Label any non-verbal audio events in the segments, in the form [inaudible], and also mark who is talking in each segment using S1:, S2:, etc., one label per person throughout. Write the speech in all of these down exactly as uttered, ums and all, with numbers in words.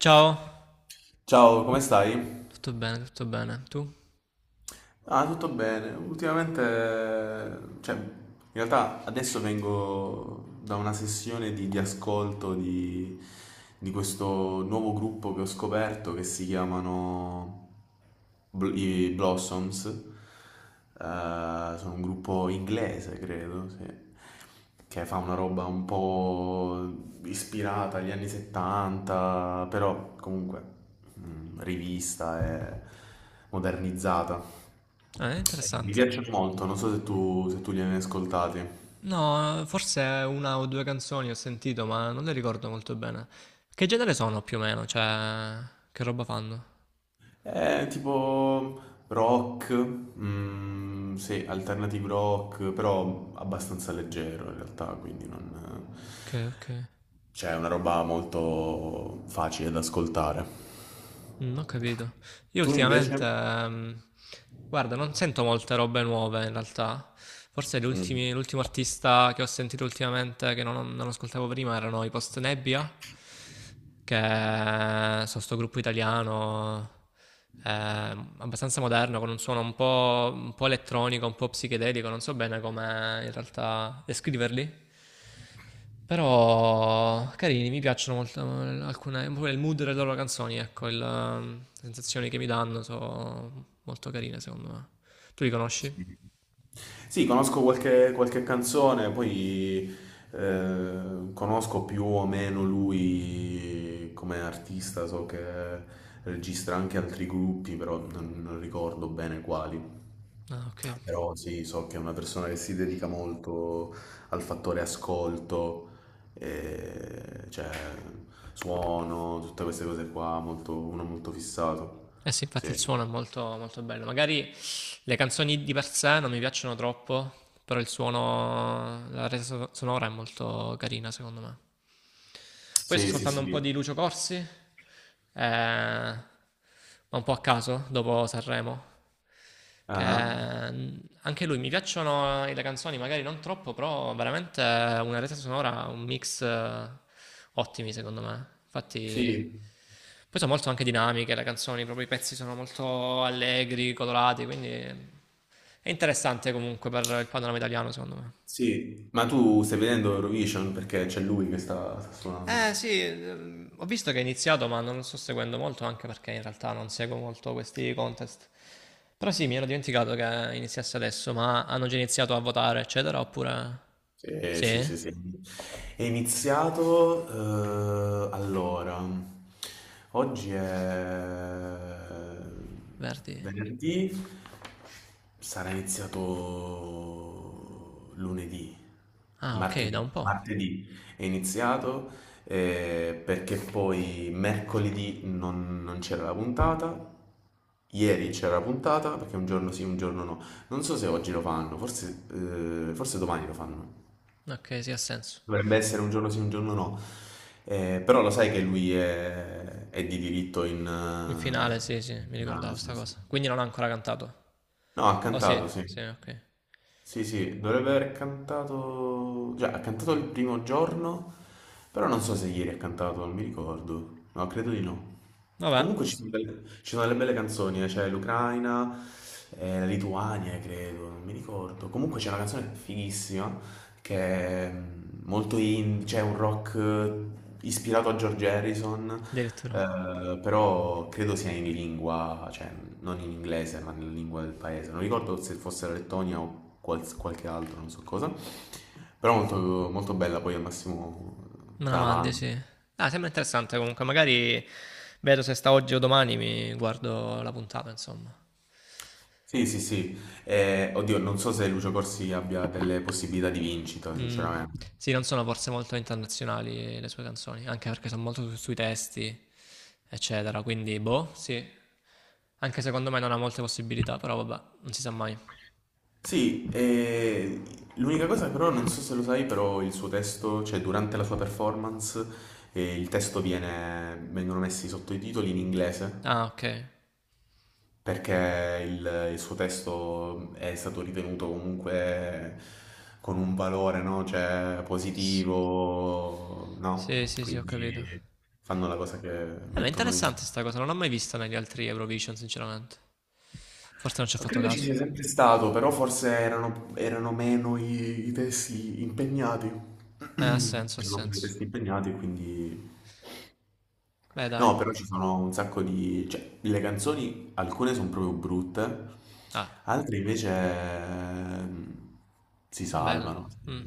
S1: Ciao,
S2: Ciao, come stai?
S1: tu?
S2: Ah, tutto bene. Ultimamente, cioè, in realtà adesso vengo da una sessione di, di ascolto di, di questo nuovo gruppo che ho scoperto che si chiamano Bl- i Blossoms. Eh, sono un gruppo inglese, credo, sì. Che fa una roba un po' ispirata agli anni settanta, però comunque mm, rivista e modernizzata.
S1: Ah, è
S2: Mi
S1: interessante.
S2: piacciono molto, non so se tu, se tu li hai mai ascoltati.
S1: No, forse una o due canzoni ho sentito, ma non le ricordo molto bene. Che genere sono più o meno? Cioè, che roba fanno?
S2: È tipo rock, mm, sì, alternative rock, però abbastanza leggero in realtà, quindi non...
S1: Ok, ok.
S2: Cioè, è una roba molto facile da ascoltare.
S1: Mm, ho capito. Io
S2: Tu
S1: ultimamente,
S2: invece?
S1: ehm, guarda, non sento molte robe nuove in realtà. Forse gli
S2: Mm.
S1: ultimi- l'ultimo artista che ho sentito ultimamente, che non, non ascoltavo prima, erano i Post Nebbia, che eh, sono sto gruppo italiano, ehm, abbastanza moderno, con un suono un po', un po' elettronico, un po' psichedelico, non so bene come in realtà descriverli. Però carini, mi piacciono molto eh, alcune, pure il mood delle loro canzoni, ecco, il, ehm, le sensazioni che mi danno sono molto carine secondo me. Tu li conosci?
S2: Sì, conosco qualche, qualche canzone, poi eh, conosco più o meno lui come artista, so che registra anche altri gruppi, però non, non ricordo bene quali.
S1: Ah, ok.
S2: Però sì, so che è una persona che si dedica molto al fattore ascolto, eh, cioè suono, tutte queste cose qua, molto- uno molto fissato.
S1: Eh sì, infatti il
S2: Sì,
S1: suono è molto, molto bello. Magari le canzoni di per sé non mi piacciono troppo, però il suono, la resa so- sonora è molto carina secondo me. Poi sto
S2: sì, sì,
S1: ascoltando un po'
S2: sì.
S1: di Lucio Corsi, eh, ma un po' a caso, dopo Sanremo. Che
S2: Ah,
S1: mm, anche lui mi piacciono le canzoni, magari non troppo, però veramente una resa sonora, un mix eh, ottimi secondo me.
S2: sì.
S1: Infatti, poi sono molto anche dinamiche le canzoni, proprio i pezzi sono molto allegri, colorati, quindi è interessante comunque per il panorama italiano secondo me.
S2: Sì, ma tu stai vedendo Eurovision perché c'è lui che sta, sta
S1: Eh
S2: suonando.
S1: sì, ehm, ho visto che è iniziato, ma non lo sto seguendo molto, anche perché in realtà non seguo molto questi contest. Però sì, mi ero dimenticato che iniziasse adesso, ma hanno già iniziato a votare, eccetera, oppure...
S2: Sì, sì,
S1: Sì?
S2: sì, sì. È iniziato, eh, allora, oggi è
S1: Verdi?
S2: venerdì, sarà iniziato lunedì,
S1: Ah, ok, da
S2: martedì,
S1: un po'.
S2: martedì è iniziato eh, perché poi mercoledì non, non c'era la puntata, ieri c'era la puntata perché un giorno sì, un giorno no. Non so se oggi lo fanno, forse, eh, forse domani lo fanno.
S1: Ok, sì, ha senso.
S2: Dovrebbe essere un giorno sì, un giorno no. Eh, però lo sai che lui è, è di diritto in,
S1: In finale,
S2: eh,
S1: sì, sì,
S2: in
S1: mi ricordavo
S2: finale,
S1: sta
S2: sì, sì.
S1: cosa. Quindi non ha ancora cantato.
S2: No, ha
S1: Oh sì,
S2: cantato, sì.
S1: sì, ok.
S2: Sì, sì, dovrebbe aver cantato... Già, ha cantato il primo giorno, però non so se ieri ha cantato, non mi ricordo. No, credo di no.
S1: Vabbè,
S2: Comunque ci sono delle, ci sono delle belle canzoni, eh, c'è l'Ucraina, eh, la Lituania, credo, non mi ricordo. Comunque c'è una canzone fighissima che è molto indie, cioè un rock eh, ispirato a George Harrison,
S1: addirittura.
S2: eh, però credo sia in lingua, cioè non in inglese, ma nella lingua del paese. Non ricordo se fosse la Lettonia o quals- qualche altro, non so cosa. Però molto, molto bella, poi al massimo
S1: Me la
S2: te la
S1: mandi,
S2: mando.
S1: sì. Ah, sembra interessante comunque, magari vedo se sta oggi o domani mi guardo la puntata, insomma.
S2: Sì, sì, sì. Eh, oddio, non so se Lucio Corsi abbia delle possibilità di vincita,
S1: Mh.
S2: sinceramente.
S1: Sì, non sono forse molto internazionali le sue canzoni, anche perché son molto su sui testi, eccetera, quindi boh, sì. Anche secondo me non ha molte possibilità, però vabbè, non si sa mai.
S2: Sì, e l'unica cosa però, non so se lo sai, però il suo testo, cioè durante la sua performance, eh, il testo viene, vengono messi sotto i titoli in inglese,
S1: Ah, okay.
S2: perché il, il suo testo è stato ritenuto comunque con un valore, no? Cioè
S1: S
S2: positivo, no?
S1: sì, sì, sì, ho capito.
S2: Quindi fanno la cosa che
S1: Eh, ma è
S2: mettono i...
S1: interessante 'sta cosa, non l'ho mai vista negli altri Eurovision sinceramente. Forse non ci ho fatto
S2: Credo ci
S1: caso.
S2: sia sempre stato, però forse erano, erano meno i, i testi impegnati.
S1: Eh, ha
S2: [clears throat]
S1: senso, ha
S2: Erano meno i
S1: senso.
S2: testi impegnati, quindi...
S1: Beh, dai.
S2: No, però ci sono un sacco di... Cioè, le canzoni, alcune sono proprio brutte,
S1: Ah,
S2: altre invece ehm, si
S1: bello.
S2: salvano.
S1: Mh.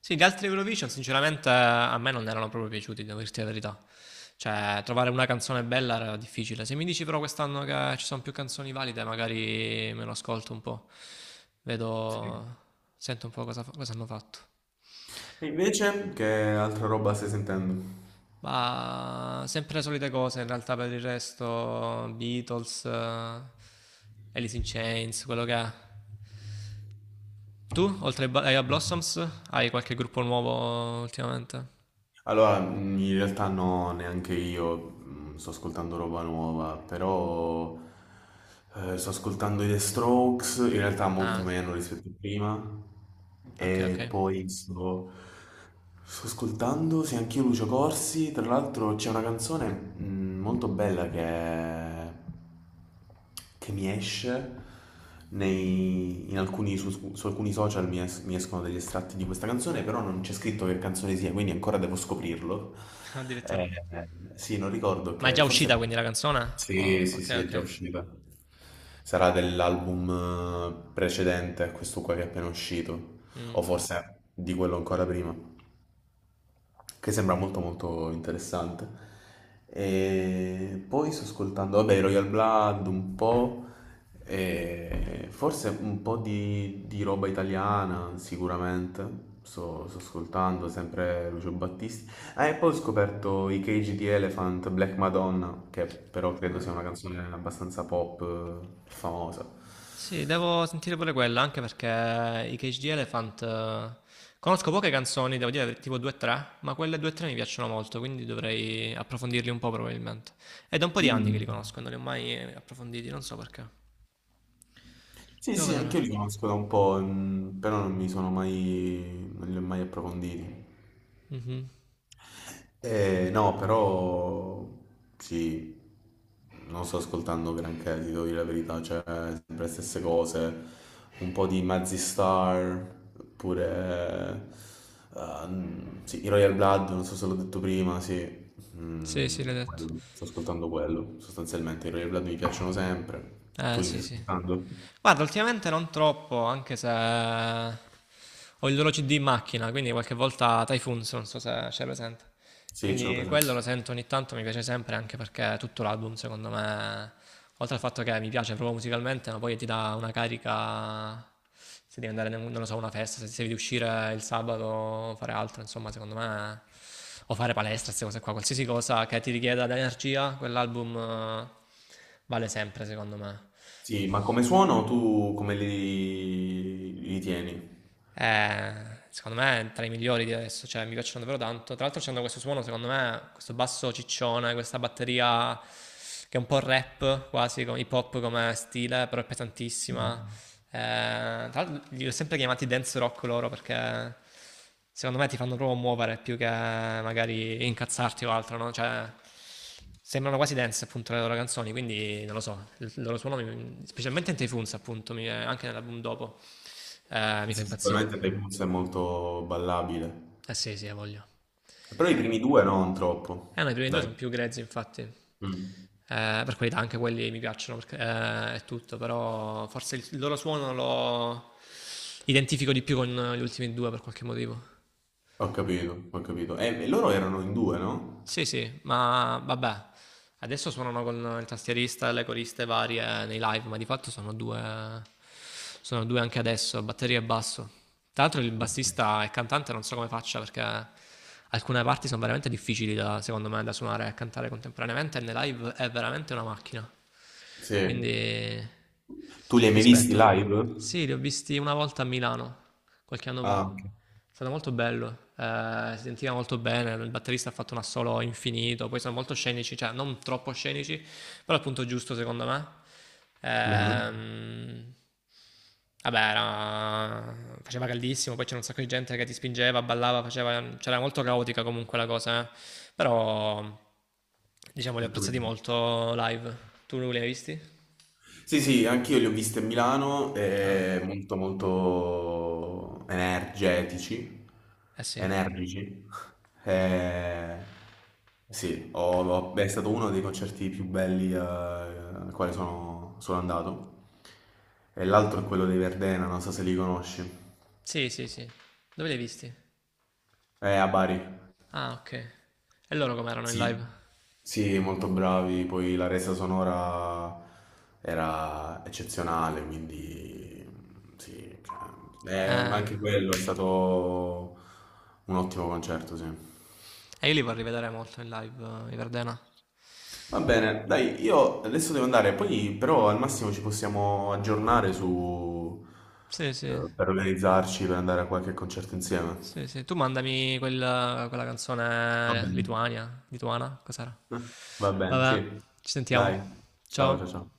S1: Sì, gli altri Eurovision sinceramente a me non erano proprio piaciuti, devo dirti la verità. Cioè, trovare una canzone bella era difficile. Se mi dici però quest'anno che ci sono più canzoni valide, magari me lo ascolto un po'.
S2: Sì.
S1: Vedo, sento un po' cosa, fa- cosa hanno fatto.
S2: E invece, che altra roba stai sentendo?
S1: Ma sempre le solite cose, in realtà per il resto, Beatles, eh, Alice in Chains, quello che è. Tu, oltre ai Ba- ai Blossoms, hai qualche gruppo nuovo ultimamente?
S2: Allora, mh, in realtà no, neanche io mh, sto ascoltando roba nuova, però eh, sto ascoltando i The Strokes, in realtà molto
S1: Ah,
S2: meno rispetto a prima,
S1: ok, ok.
S2: e poi sto, sto ascoltando, sì, anch'io Lucio Corsi, tra l'altro c'è una canzone mh, molto bella che è che mi esce nei- in alcuni, su, su alcuni social mi, es- mi escono degli estratti di questa canzone, però non c'è scritto che canzone sia, quindi ancora devo scoprirlo.
S1: [laughs] Addirittura.
S2: Eh, sì, non ricordo
S1: Ma è
S2: che
S1: già uscita
S2: forse...
S1: quindi la canzone?
S2: Sì,
S1: Oh,
S2: sì, sì,
S1: ok,
S2: è già
S1: ok.
S2: uscita. Sarà dell'album eh, precedente a questo qua che è appena uscito,
S1: Mm.
S2: o forse di quello ancora prima che sembra molto molto interessante. E poi sto ascoltando, vabbè, i Royal Blood un po', e forse un po' di, di roba italiana sicuramente. Sto, sto ascoltando sempre Lucio Battisti. Ah, e poi ho scoperto i Cage di Elephant, Black Madonna, che però credo sia una canzone abbastanza pop, eh, famosa.
S1: Sì, devo sentire pure quella, anche perché i Cage the Elephant... eh, conosco poche canzoni, devo dire tipo due a tre, ma quelle due a tre mi piacciono molto, quindi dovrei approfondirli un po' probabilmente. È da un po' di anni che
S2: Mm.
S1: li conosco, non li ho mai eh, approfonditi, non so perché.
S2: Sì,
S1: Devo
S2: sì,
S1: vedere.
S2: anche io li conosco da un po', mm, però non mi sono mai, non li ho mai approfonditi.
S1: Mhm.
S2: Eh, no, però sì, non sto ascoltando granché, ti devo dire la verità, cioè sempre le stesse cose, un po' di Mazzy Star, oppure ehm, sì, i Royal Blood, non so se l'ho detto prima, sì,
S1: Sì, sì,
S2: mm,
S1: l'hai detto.
S2: quello. Sto ascoltando quello, sostanzialmente i Royal Blood mi piacciono sempre,
S1: Eh,
S2: tu li stai
S1: sì, sì.
S2: ascoltando?
S1: Guarda, ultimamente non troppo, anche se ho il loro C D in macchina, quindi qualche volta Typhoons, non so se c'è presente.
S2: Sì, ce l'ho
S1: Quindi
S2: presente.
S1: quello lo sento ogni tanto, mi piace sempre, anche perché tutto l'album, secondo me, oltre al fatto che mi piace proprio musicalmente, ma poi ti dà una carica se devi andare, non lo so, a una festa, se devi uscire il sabato, fare altro, insomma, secondo me, o fare palestra, queste cose qua, qualsiasi cosa che ti richieda dell'energia, quell'album eh, vale sempre, secondo me.
S2: Sì, ma come suono tu come li, li tieni?
S1: Eh, secondo me è tra i migliori di adesso, cioè mi piacciono davvero tanto. Tra l'altro c'hanno questo suono, secondo me, questo basso ciccione, questa batteria che è un po' rap, quasi come- hip hop come stile, però è pesantissima. Eh, tra l'altro li ho sempre chiamati dance rock loro perché secondo me ti fanno proprio muovere più che magari incazzarti o altro, no? Cioè, sembrano quasi dance appunto le loro canzoni, quindi non lo so, il il loro suono, mi- specialmente in Tei Funz appunto, mi- anche nell'album dopo, eh,
S2: Eh
S1: mi fa
S2: sì,
S1: impazzire.
S2: sicuramente Blues è molto ballabile.
S1: Eh sì, sì, ha voglia.
S2: Però i primi due no, non
S1: Eh
S2: troppo.
S1: no, i primi due
S2: Dai.
S1: sono più grezzi, infatti. Eh,
S2: Mm.
S1: per qualità anche quelli mi piacciono, perché eh, è tutto, però forse il, il loro suono lo identifico di più con gli ultimi due per qualche motivo.
S2: Ho capito, ho capito. Eh, e loro erano in due, no?
S1: Sì, sì, ma vabbè. Adesso suonano con il tastierista e le coriste varie nei live, ma di fatto sono due, sono due anche adesso, batteria e basso. Tra l'altro il
S2: Ok.
S1: bassista e il cantante non so come faccia perché alcune parti sono veramente difficili da, secondo me da suonare e cantare contemporaneamente e nei live è veramente una macchina.
S2: Sì.
S1: Quindi
S2: Tu li hai mai visti
S1: rispetto.
S2: live?
S1: Sì, li ho visti una volta a Milano, qualche anno
S2: Ah,
S1: fa.
S2: ok.
S1: È stato molto bello, eh, si sentiva molto bene, il batterista ha fatto un assolo infinito, poi sono molto scenici, cioè non troppo scenici, però il punto giusto, secondo me,
S2: Mhm.
S1: ehm, vabbè, era- faceva caldissimo, poi c'era un sacco di gente che ti spingeva, ballava, faceva, c'era molto caotica comunque la cosa, eh. Però, diciamo, li ho
S2: Ho
S1: apprezzati
S2: capito.
S1: molto live. Tu li hai visti?
S2: Sì, sì, anch'io li ho visti a Milano,
S1: Ah,
S2: eh, molto molto energetici,
S1: eh sì.
S2: energici. Eh, sì, ho- ho- è stato uno dei concerti più belli eh, al quale sono, sono andato. E l'altro è quello dei Verdena, non so se li conosci.
S1: Sì, sì, sì. Dove li hai visti?
S2: È a Bari.
S1: Ah, ok. E loro com'erano in
S2: Sì,
S1: live?
S2: sì, molto bravi, poi la resa sonora era eccezionale, quindi sì, cioè, eh, ma
S1: Eh,
S2: anche quello è stato un ottimo concerto, sì.
S1: e io li vorrei vedere molto in live, eh, i Verdena.
S2: Va bene, dai, io adesso devo andare, poi però al massimo ci possiamo aggiornare su,
S1: Sì, sì.
S2: eh, per organizzarci, per andare a qualche concerto insieme.
S1: Sì, sì, tu mandami quel- quella
S2: Va
S1: canzone
S2: bene.
S1: Lituania, lituana, cos'era?
S2: Eh, Va bene,
S1: Vabbè,
S2: sì.
S1: ci sentiamo.
S2: Dai, ciao ciao ciao.
S1: Ciao.